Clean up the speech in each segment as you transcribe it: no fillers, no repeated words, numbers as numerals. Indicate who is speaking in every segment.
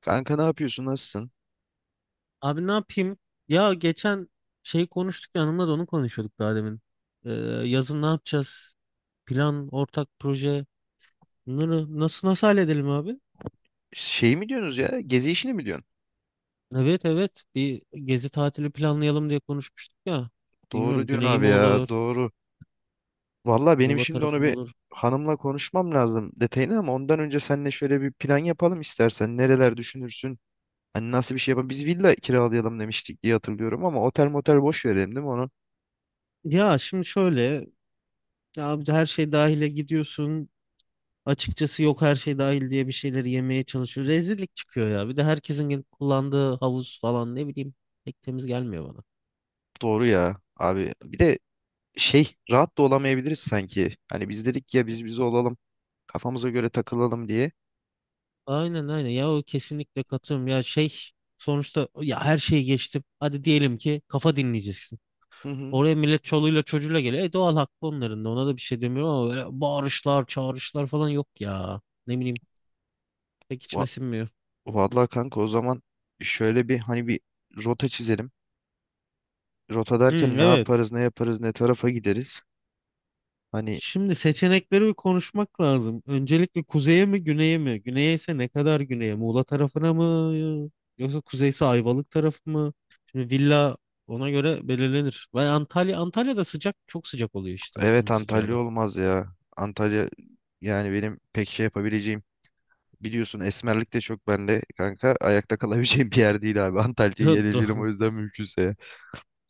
Speaker 1: Kanka ne yapıyorsun? Nasılsın?
Speaker 2: Abi ne yapayım? Ya geçen şey konuştuk yanımda da onu konuşuyorduk daha demin. Ee, Yazın ne yapacağız? Plan, ortak proje. Bunları nasıl halledelim abi?
Speaker 1: Şey mi diyorsunuz ya? Gezi işini mi diyorsun?
Speaker 2: Evet, evet, bir gezi tatili planlayalım diye konuşmuştuk ya. Bilmiyorum,
Speaker 1: Doğru diyorsun
Speaker 2: güney
Speaker 1: abi
Speaker 2: mi olur,
Speaker 1: ya. Doğru. Valla benim
Speaker 2: Muğla
Speaker 1: şimdi
Speaker 2: tarafı
Speaker 1: onu
Speaker 2: mı
Speaker 1: bir
Speaker 2: olur?
Speaker 1: hanımla konuşmam lazım detayını, ama ondan önce seninle şöyle bir plan yapalım istersen. Nereler düşünürsün? Hani nasıl bir şey yapalım? Biz villa kiralayalım demiştik diye hatırlıyorum, ama otel motel boş verelim değil mi onu?
Speaker 2: Ya şimdi şöyle, ya abi her şey dahile gidiyorsun. Açıkçası yok, her şey dahil diye bir şeyleri yemeye çalışıyor. Rezillik çıkıyor ya. Bir de herkesin kullandığı havuz falan, ne bileyim, pek temiz gelmiyor bana.
Speaker 1: Doğru ya abi. Bir de şey, rahat da olamayabiliriz sanki. Hani biz dedik ya, biz olalım. Kafamıza göre takılalım diye.
Speaker 2: Aynen, aynen ya, o kesinlikle katılıyorum ya, şey, sonuçta ya her şeyi geçtim, hadi diyelim ki kafa dinleyeceksin,
Speaker 1: Hı hı.
Speaker 2: oraya millet çoluğuyla çocuğuyla geliyor, doğal hakkı, onların da, ona da bir şey demiyorum ama böyle bağırışlar çağrışlar falan yok ya, ne bileyim, pek
Speaker 1: Va-
Speaker 2: içime sinmiyor.
Speaker 1: Vallahi kanka, o zaman şöyle bir hani bir rota çizelim. Rota
Speaker 2: Hı,
Speaker 1: derken ne
Speaker 2: evet.
Speaker 1: yaparız, ne yaparız, ne tarafa gideriz? Hani
Speaker 2: Şimdi seçenekleri bir konuşmak lazım. Öncelikle kuzeye mi güneye mi? Güneye ise ne kadar güneye? Muğla tarafına mı? Yoksa kuzeyse Ayvalık tarafı mı? Şimdi villa ona göre belirlenir. Ben Antalya'da sıcak, çok sıcak oluyor işte,
Speaker 1: evet,
Speaker 2: bunun sıcağı
Speaker 1: Antalya
Speaker 2: da.
Speaker 1: olmaz ya. Antalya yani benim pek şey yapabileceğim. Biliyorsun esmerlik de çok bende kanka. Ayakta kalabileceğim bir yer değil abi. Antalya'yı yeleleyelim o
Speaker 2: Doğru,
Speaker 1: yüzden mümkünse ya.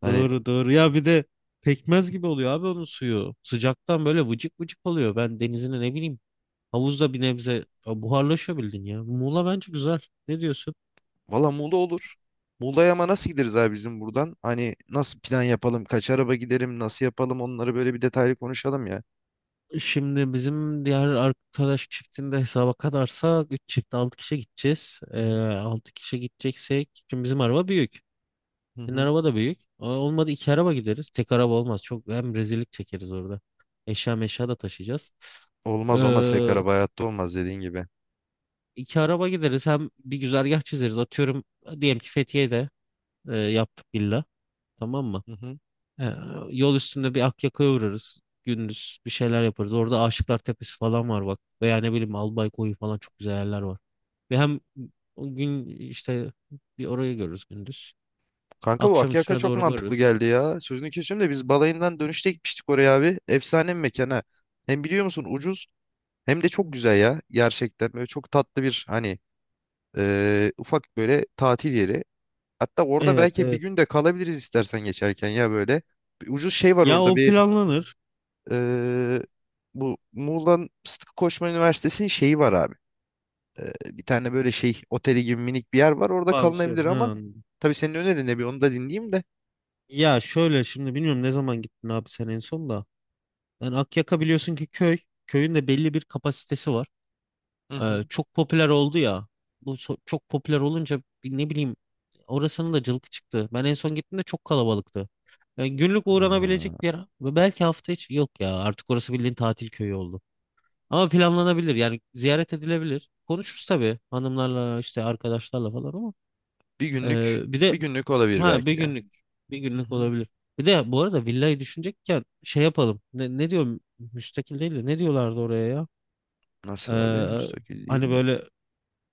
Speaker 1: Hani
Speaker 2: doğru, doğru. Ya bir de pekmez gibi oluyor abi onun suyu. Sıcaktan böyle vıcık vıcık oluyor. Ben denizine, ne bileyim, havuzda bir nebze, ya buharlaşıyor, bildin ya. Muğla bence güzel. Ne diyorsun?
Speaker 1: valla Muğla olur. Muğla'ya ama nasıl gideriz abi bizim buradan? Hani nasıl plan yapalım? Kaç araba gidelim? Nasıl yapalım? Onları böyle bir detaylı konuşalım ya.
Speaker 2: Şimdi bizim diğer arkadaş çiftinde hesaba kadarsa 3 çift 6 kişi gideceğiz.
Speaker 1: Hı hı.
Speaker 2: 6 kişi gideceksek şimdi bizim araba büyük.
Speaker 1: Hı
Speaker 2: Senin
Speaker 1: hı.
Speaker 2: araba da büyük. Olmadı iki araba gideriz. Tek araba olmaz. Çok hem rezillik çekeriz orada. Eşya meşya da taşıyacağız. Ee,
Speaker 1: Olmaz, olmaz, tek araba hayatta olmaz dediğin gibi.
Speaker 2: iki araba gideriz. Hem bir güzergah çizeriz. Atıyorum, diyelim ki Fethiye'de yaptık villa. Tamam mı?
Speaker 1: Hı hı.
Speaker 2: Ee, Yol üstünde bir Akyaka'ya uğrarız. Gündüz bir şeyler yaparız. Orada Aşıklar Tepesi falan var bak. Veya ne bileyim Albay Koyu falan çok güzel yerler var. Ve hem o gün işte bir orayı görürüz gündüz.
Speaker 1: Kanka, bu
Speaker 2: Akşam
Speaker 1: Akyaka
Speaker 2: üstüne
Speaker 1: çok
Speaker 2: doğru
Speaker 1: mantıklı
Speaker 2: varırız.
Speaker 1: geldi ya. Sözünü kesiyorum da, biz balayından dönüşte gitmiştik oraya abi. Efsane bir mekana. Hem biliyor musun ucuz hem de çok güzel ya. Gerçekten böyle çok tatlı bir hani ufak böyle tatil yeri. Hatta orada
Speaker 2: Evet,
Speaker 1: belki bir
Speaker 2: evet.
Speaker 1: gün de kalabiliriz istersen, geçerken ya böyle. Bir ucuz şey var
Speaker 2: Ya
Speaker 1: orada
Speaker 2: o
Speaker 1: bir
Speaker 2: planlanır.
Speaker 1: eee, bu Muğla'nın Sıtkı Koçman Üniversitesi'nin şeyi var abi. Bir tane böyle şey oteli gibi minik bir yer var, orada kalınabilir,
Speaker 2: Pansiyon. Ha,
Speaker 1: ama
Speaker 2: anladım.
Speaker 1: tabii senin önerin ne, bir onu da dinleyeyim de.
Speaker 2: Ya şöyle şimdi, bilmiyorum ne zaman gittin abi sen en son da. Yani Akyaka biliyorsun ki köy. Köyün de belli bir kapasitesi var.
Speaker 1: Hı hı.
Speaker 2: Çok popüler oldu ya. Çok popüler olunca bir, ne bileyim, orasının da cılkı çıktı. Ben en son gittiğimde çok kalabalıktı. Yani günlük uğranabilecek
Speaker 1: Ha.
Speaker 2: bir yer ve belki hafta içi, yok ya, artık orası bildiğin tatil köyü oldu. Ama planlanabilir yani, ziyaret edilebilir. Konuşuruz tabii hanımlarla işte arkadaşlarla falan ama
Speaker 1: Bir günlük,
Speaker 2: bir de,
Speaker 1: bir günlük olabilir
Speaker 2: ha, bir
Speaker 1: belki ya.
Speaker 2: günlük bir
Speaker 1: Hı
Speaker 2: günlük
Speaker 1: hı.
Speaker 2: olabilir. Bir de bu arada villayı düşünecekken şey yapalım. Ne diyorum, müstakil değil de ne diyorlardı oraya ya?
Speaker 1: Nasıl abi?
Speaker 2: Ee,
Speaker 1: Müstakil
Speaker 2: Hani
Speaker 1: değil.
Speaker 2: böyle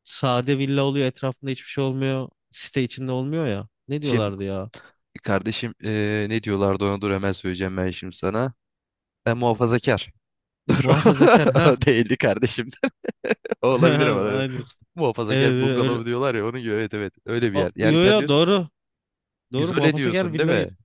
Speaker 2: sade villa oluyor, etrafında hiçbir şey olmuyor. Site içinde olmuyor ya. Ne
Speaker 1: Şimdi
Speaker 2: diyorlardı ya?
Speaker 1: kardeşim, ne diyorlardı ona, dur hemen söyleyeceğim ben şimdi sana. Ben muhafazakar. Dur.
Speaker 2: Muhafazakar, ha.
Speaker 1: Değildi kardeşim. O olabilir ama.
Speaker 2: Aynen.
Speaker 1: Muhafazakar
Speaker 2: Evet, evet, öyle.
Speaker 1: bungalov diyorlar ya, onun gibi. Evet, evet. Öyle bir
Speaker 2: A,
Speaker 1: yer. Yani
Speaker 2: yo,
Speaker 1: sen
Speaker 2: yo,
Speaker 1: diyorsun,
Speaker 2: doğru. Doğru,
Speaker 1: izole
Speaker 2: muhafazakar
Speaker 1: diyorsun değil
Speaker 2: villa yeri.
Speaker 1: mi?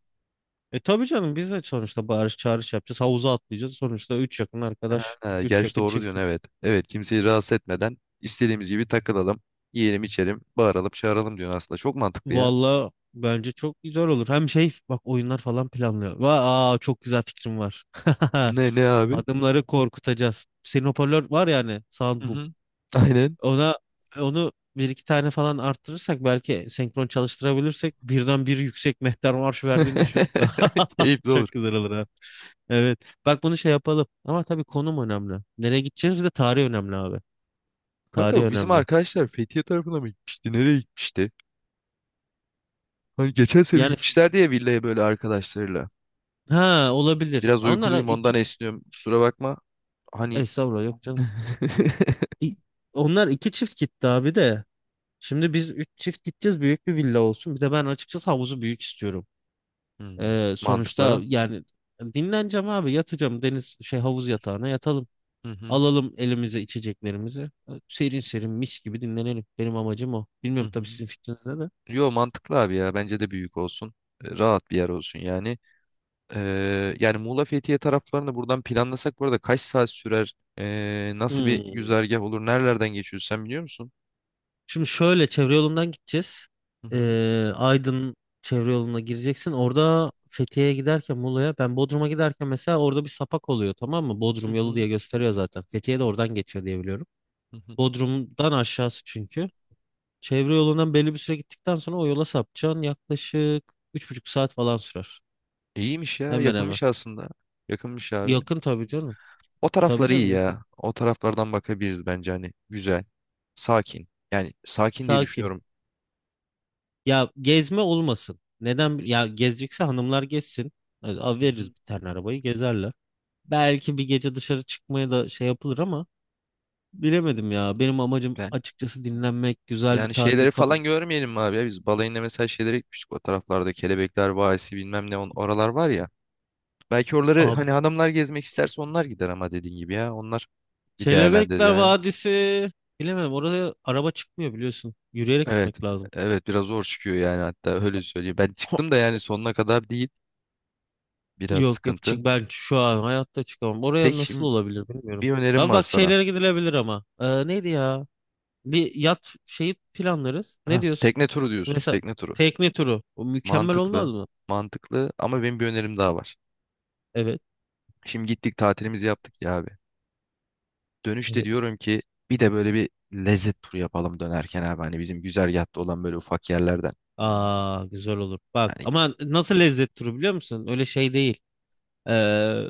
Speaker 2: E tabii canım, biz de sonuçta bağırış çağırış yapacağız. Havuza atlayacağız. Sonuçta 3 yakın arkadaş.
Speaker 1: Ha,
Speaker 2: Üç
Speaker 1: gerçi
Speaker 2: yakın
Speaker 1: doğru diyorsun,
Speaker 2: çiftiz.
Speaker 1: evet. Evet, kimseyi rahatsız etmeden istediğimiz gibi takılalım. Yiyelim içelim. Bağıralım çağıralım diyorsun aslında. Çok mantıklı ya.
Speaker 2: Valla bence çok güzel olur. Hem şey bak, oyunlar falan planlıyor. Aa, çok güzel fikrim var.
Speaker 1: Ne ne abi?
Speaker 2: Adımları korkutacağız. Senin hoparlör var yani.
Speaker 1: Hı
Speaker 2: Sound.
Speaker 1: hı. Aynen.
Speaker 2: Ona onu bir iki tane falan arttırırsak, belki senkron çalıştırabilirsek, birden bir yüksek mehter marş verdiğini düşün.
Speaker 1: Keyifli olur.
Speaker 2: Çok güzel olur, ha. Evet. Bak, bunu şey yapalım. Ama tabii konum önemli. Nereye gideceğiz? Bir de tarih önemli abi.
Speaker 1: Kanka,
Speaker 2: Tarih
Speaker 1: bu bizim
Speaker 2: önemli.
Speaker 1: arkadaşlar Fethiye tarafına mı gitmişti? Nereye gitmişti? Hani geçen sene
Speaker 2: Yani
Speaker 1: gitmişlerdi ya villaya, böyle arkadaşlarıyla.
Speaker 2: ha, olabilir.
Speaker 1: Biraz
Speaker 2: Onlar
Speaker 1: uykuluyum ondan
Speaker 2: iki.
Speaker 1: esniyorum. Kusura bakma. Hani.
Speaker 2: Estağfurullah, yok canım. İ- Onlar iki çift gitti abi de. Şimdi biz üç çift gideceğiz. Büyük bir villa olsun. Bir de ben açıkçası havuzu büyük istiyorum.
Speaker 1: Hmm,
Speaker 2: Sonuçta
Speaker 1: mantıklı.
Speaker 2: yani, dinleneceğim abi, yatacağım deniz şey havuz yatağına yatalım.
Speaker 1: Hı hı,
Speaker 2: Alalım elimize içeceklerimizi. Serin serin mis gibi dinlenelim. Benim amacım o.
Speaker 1: hı
Speaker 2: Bilmiyorum tabii,
Speaker 1: hı.
Speaker 2: sizin fikrinizde de.
Speaker 1: Yo, mantıklı abi ya. Bence de büyük olsun. Rahat bir yer olsun yani. Yani Muğla Fethiye taraflarını buradan planlasak bu arada kaç saat sürer? Nasıl bir
Speaker 2: Hmm.
Speaker 1: güzergah olur? Nerelerden geçiyoruz, sen biliyor musun?
Speaker 2: Şimdi şöyle, çevre yolundan gideceğiz.
Speaker 1: Hı hı,
Speaker 2: Aydın çevre yoluna gireceksin. Orada Fethiye'ye giderken, Muğla'ya, ben Bodrum'a giderken mesela orada bir sapak oluyor, tamam mı?
Speaker 1: hı
Speaker 2: Bodrum yolu
Speaker 1: hı,
Speaker 2: diye gösteriyor zaten. Fethiye de oradan geçiyor diye biliyorum.
Speaker 1: hı hı.
Speaker 2: Bodrum'dan aşağısı çünkü. Çevre yolundan belli bir süre gittikten sonra o yola sapacaksın. Yaklaşık 3,5 saat falan sürer.
Speaker 1: İyiymiş ya.
Speaker 2: Hemen hemen.
Speaker 1: Yakınmış aslında. Yakınmış abi.
Speaker 2: Yakın tabii canım.
Speaker 1: O
Speaker 2: Tabii
Speaker 1: taraflar iyi
Speaker 2: canım, yakın.
Speaker 1: ya. O taraflardan bakabiliriz bence hani. Güzel. Sakin. Yani sakin diye
Speaker 2: Sakin.
Speaker 1: düşünüyorum.
Speaker 2: Ya gezme olmasın. Neden? Ya gezecekse hanımlar gezsin. Hadi al
Speaker 1: Hı
Speaker 2: veririz
Speaker 1: hı.
Speaker 2: bir tane arabayı, gezerler. Belki bir gece dışarı çıkmaya da şey yapılır ama bilemedim ya. Benim amacım
Speaker 1: Ben
Speaker 2: açıkçası dinlenmek, güzel bir
Speaker 1: yani
Speaker 2: tatil
Speaker 1: şeyleri
Speaker 2: kafa.
Speaker 1: falan görmeyelim mi abi ya? Biz balayında mesela şeylere gitmiştik o taraflarda. Kelebekler Vadisi bilmem ne on, oralar var ya. Belki oraları,
Speaker 2: Abi
Speaker 1: hani adamlar gezmek isterse onlar gider, ama dediğin gibi ya. Onlar bir değerlendir
Speaker 2: Kelebekler
Speaker 1: yani.
Speaker 2: Vadisi. Bilemedim, oraya araba çıkmıyor biliyorsun. Yürüyerek
Speaker 1: Evet.
Speaker 2: gitmek lazım.
Speaker 1: Evet, biraz zor çıkıyor yani, hatta öyle söyleyeyim. Ben çıktım da yani, sonuna kadar değil. Biraz
Speaker 2: Yok, yok,
Speaker 1: sıkıntı.
Speaker 2: çık, ben şu an hayatta çıkamam. Oraya
Speaker 1: Peki
Speaker 2: nasıl
Speaker 1: şimdi
Speaker 2: olabilir bilmiyorum.
Speaker 1: bir önerim
Speaker 2: Ben
Speaker 1: var
Speaker 2: bak
Speaker 1: sana.
Speaker 2: şeylere gidilebilir ama. Neydi ya? Bir yat şeyi planlarız. Ne
Speaker 1: Ha,
Speaker 2: diyorsun?
Speaker 1: tekne turu diyorsun.
Speaker 2: Mesela
Speaker 1: Tekne turu.
Speaker 2: tekne turu. O mükemmel olmaz
Speaker 1: Mantıklı.
Speaker 2: mı?
Speaker 1: Mantıklı, ama benim bir önerim daha var.
Speaker 2: Evet.
Speaker 1: Şimdi gittik tatilimizi yaptık ya abi. Dönüşte
Speaker 2: Evet.
Speaker 1: diyorum ki, bir de böyle bir lezzet turu yapalım dönerken abi. Hani bizim güzergahta olan böyle ufak yerlerden.
Speaker 2: Aa, güzel olur. Bak
Speaker 1: Hani
Speaker 2: ama, nasıl lezzet turu biliyor musun? Öyle şey değil. Ee,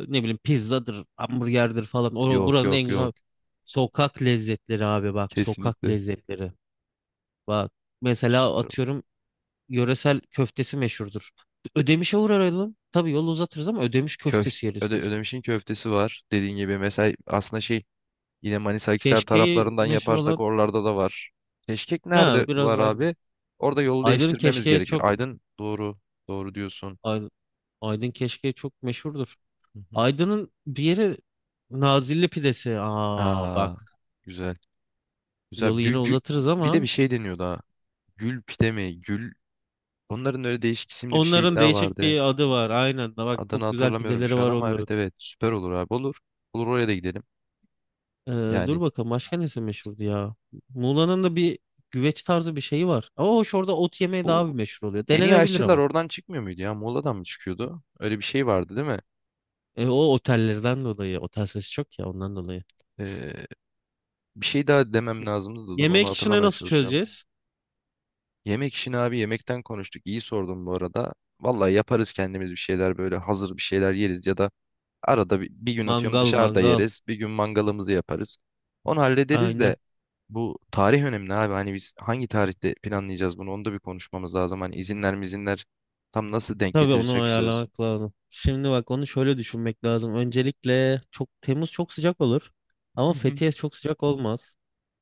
Speaker 2: Ne bileyim pizzadır, hamburgerdir falan. O,
Speaker 1: yok,
Speaker 2: buranın en
Speaker 1: yok, yok.
Speaker 2: güzel sokak lezzetleri abi bak. Sokak
Speaker 1: Kesinlikle.
Speaker 2: lezzetleri. Bak, mesela
Speaker 1: Süper olur.
Speaker 2: atıyorum, yöresel köftesi meşhurdur. Ödemiş'e uğrayalım. Tabii yolu uzatırız ama Ödemiş
Speaker 1: Köf
Speaker 2: köftesi yeriz
Speaker 1: Öde
Speaker 2: mesela.
Speaker 1: Ödemiş'in köftesi var. Dediğin gibi mesela, aslında şey, yine Manisa Akhisar
Speaker 2: Keşke'yi
Speaker 1: taraflarından
Speaker 2: meşhur
Speaker 1: yaparsak
Speaker 2: olan,
Speaker 1: oralarda da var. Keşkek nerede
Speaker 2: ne, biraz
Speaker 1: var
Speaker 2: aynı.
Speaker 1: abi? Orada yolu
Speaker 2: Aydın'ın
Speaker 1: değiştirmemiz
Speaker 2: keşkeği
Speaker 1: gerekir.
Speaker 2: çok.
Speaker 1: Aydın, doğru. Doğru diyorsun.
Speaker 2: Aydın, Aydın keşkeği çok meşhurdur. Aydın'ın bir yeri Nazilli pidesi. Aa
Speaker 1: Aa,
Speaker 2: bak,
Speaker 1: güzel. Güzel.
Speaker 2: yolu
Speaker 1: Gü,
Speaker 2: yine
Speaker 1: gü-
Speaker 2: uzatırız
Speaker 1: bir de bir
Speaker 2: ama
Speaker 1: şey deniyordu ha. Gül pide mi? Gül. Onların öyle değişik isimli bir şey
Speaker 2: onların
Speaker 1: daha
Speaker 2: değişik
Speaker 1: vardı.
Speaker 2: bir adı var. Aynen, da bak,
Speaker 1: Adını
Speaker 2: çok güzel
Speaker 1: hatırlamıyorum
Speaker 2: pideleri
Speaker 1: şu an,
Speaker 2: var
Speaker 1: ama
Speaker 2: onların.
Speaker 1: evet, evet. Süper olur abi. Olur. Olur, oraya da gidelim.
Speaker 2: Ee, Dur
Speaker 1: Yani
Speaker 2: bakalım başka nesi meşhurdu ya? Muğla'nın da bir güveç tarzı bir şeyi var. Ama hoş, orada ot yemeği
Speaker 1: bu
Speaker 2: daha bir meşhur oluyor.
Speaker 1: en iyi
Speaker 2: Denenebilir
Speaker 1: aşçılar
Speaker 2: ama.
Speaker 1: oradan çıkmıyor muydu ya? Muğla'dan mı çıkıyordu? Öyle bir şey vardı değil mi?
Speaker 2: E, o otellerden dolayı. Otel sesi çok ya, ondan dolayı.
Speaker 1: Ee, bir şey daha demem lazımdı da, dur onu
Speaker 2: Yemek işini
Speaker 1: hatırlamaya
Speaker 2: nasıl
Speaker 1: çalışıyorum.
Speaker 2: çözeceğiz?
Speaker 1: Yemek işini abi, yemekten konuştuk. İyi sordum bu arada. Vallahi yaparız kendimiz bir şeyler, böyle hazır bir şeyler yeriz ya da arada bir gün atıyorum
Speaker 2: Mangal,
Speaker 1: dışarıda
Speaker 2: mangal.
Speaker 1: yeriz. Bir gün mangalımızı yaparız. Onu hallederiz
Speaker 2: Aynen.
Speaker 1: de, bu tarih önemli abi. Hani biz hangi tarihte planlayacağız bunu, onu da bir konuşmamız lazım. Hani izinler mizinler tam nasıl denk
Speaker 2: Tabii onu
Speaker 1: getirecektiririz.
Speaker 2: ayarlamak lazım. Şimdi bak, onu şöyle düşünmek lazım. Öncelikle çok, Temmuz çok sıcak olur.
Speaker 1: Hı
Speaker 2: Ama
Speaker 1: hı.
Speaker 2: Fethiye çok sıcak olmaz.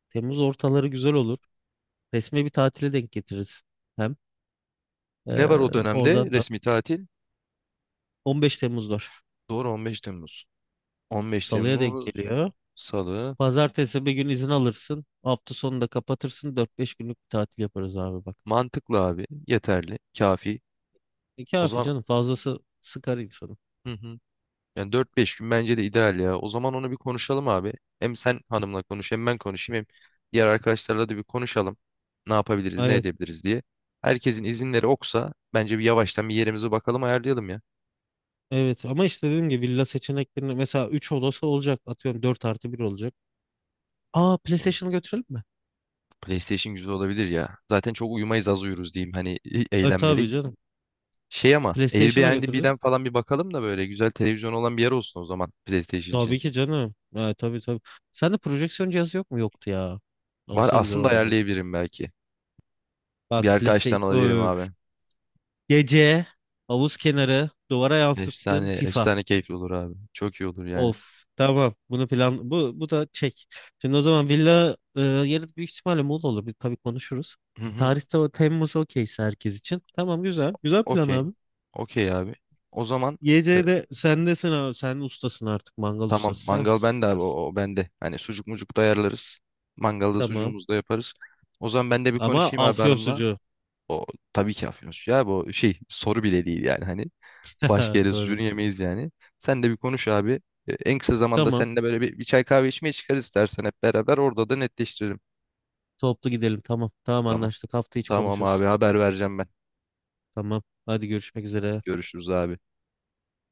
Speaker 2: Temmuz ortaları güzel olur. Resmi bir tatile denk getiririz. Hem e,
Speaker 1: Ne var o dönemde
Speaker 2: oradan da
Speaker 1: resmi tatil?
Speaker 2: 15 Temmuz var.
Speaker 1: Doğru, 15 Temmuz. 15
Speaker 2: Salıya denk
Speaker 1: Temmuz
Speaker 2: geliyor.
Speaker 1: Salı.
Speaker 2: Pazartesi bir gün izin alırsın. Hafta sonu da kapatırsın. Dört beş günlük bir tatil yaparız abi bak.
Speaker 1: Mantıklı abi. Yeterli. Kafi.
Speaker 2: E,
Speaker 1: O
Speaker 2: kafi
Speaker 1: zaman
Speaker 2: canım, fazlası sıkar insanı.
Speaker 1: hı hı. Yani dört beş gün bence de ideal ya. O zaman onu bir konuşalım abi. Hem sen hanımla konuş, hem ben konuşayım, hem diğer arkadaşlarla da bir konuşalım. Ne yapabiliriz, ne
Speaker 2: Evet,
Speaker 1: edebiliriz diye. Herkesin izinleri oksa, bence bir yavaştan bir yerimize bakalım, ayarlayalım ya.
Speaker 2: evet, ama işte dediğim gibi villa seçeneklerinde mesela 3 odası olacak, atıyorum 4 artı bir olacak. Aa, PlayStation'ı götürelim mi?
Speaker 1: PlayStation güzel olabilir ya. Zaten çok uyumayız, az uyuruz diyeyim hani,
Speaker 2: E tabii
Speaker 1: eğlenmelik.
Speaker 2: canım.
Speaker 1: Şey, ama
Speaker 2: PlayStation'a
Speaker 1: Airbnb'den
Speaker 2: götürürüz.
Speaker 1: falan bir bakalım da böyle güzel televizyon olan bir yer olsun o zaman, PlayStation
Speaker 2: Tabii
Speaker 1: için.
Speaker 2: ki canım. E, tabii, tabii. Sende projeksiyon cihazı yok mu? Yoktu ya.
Speaker 1: Var
Speaker 2: Olsa güzel
Speaker 1: aslında,
Speaker 2: olurdu.
Speaker 1: ayarlayabilirim belki.
Speaker 2: Bak,
Speaker 1: Bir arkadaştan
Speaker 2: PlayStation.
Speaker 1: alabilirim
Speaker 2: Öf.
Speaker 1: abi.
Speaker 2: Gece havuz kenarı duvara yansıttığın
Speaker 1: Efsane,
Speaker 2: FIFA.
Speaker 1: efsane keyifli olur abi. Çok iyi olur yani.
Speaker 2: Of, tamam, bunu plan, bu da çek. Şimdi o zaman villa yarın büyük ihtimalle Muğla olur. Bir, tabii konuşuruz.
Speaker 1: Hı hı.
Speaker 2: Tarihte o Temmuz okeyse herkes için. Tamam, güzel. Güzel plan
Speaker 1: Okey.
Speaker 2: abi.
Speaker 1: Okey abi. O zaman e,
Speaker 2: Geceye de sendesin abi. Sen ustasın artık. Mangal
Speaker 1: tamam,
Speaker 2: ustası sensin.
Speaker 1: mangal
Speaker 2: Sen
Speaker 1: bende abi, o,
Speaker 2: yaparsın.
Speaker 1: o bende. Hani sucuk mucuk da ayarlarız. Mangalda
Speaker 2: Tamam.
Speaker 1: sucuğumuzu da yaparız. O zaman ben de bir
Speaker 2: Ama
Speaker 1: konuşayım abi
Speaker 2: afyon
Speaker 1: hanımla.
Speaker 2: sucuğu.
Speaker 1: O tabii ki afyon sucuğu abi, o şey, soru bile değil yani hani. Başka yere
Speaker 2: Doğru.
Speaker 1: sucuğunu yemeyiz yani. Sen de bir konuş abi. En kısa zamanda
Speaker 2: Tamam.
Speaker 1: seninle böyle bir çay kahve içmeye çıkarız istersen hep beraber. Orada da netleştirelim.
Speaker 2: Toplu gidelim. Tamam. Tamam,
Speaker 1: Tamam.
Speaker 2: anlaştık. Hafta içi
Speaker 1: Tamam
Speaker 2: konuşuruz.
Speaker 1: abi, haber vereceğim ben.
Speaker 2: Tamam. Hadi görüşmek üzere.
Speaker 1: Görüşürüz abi.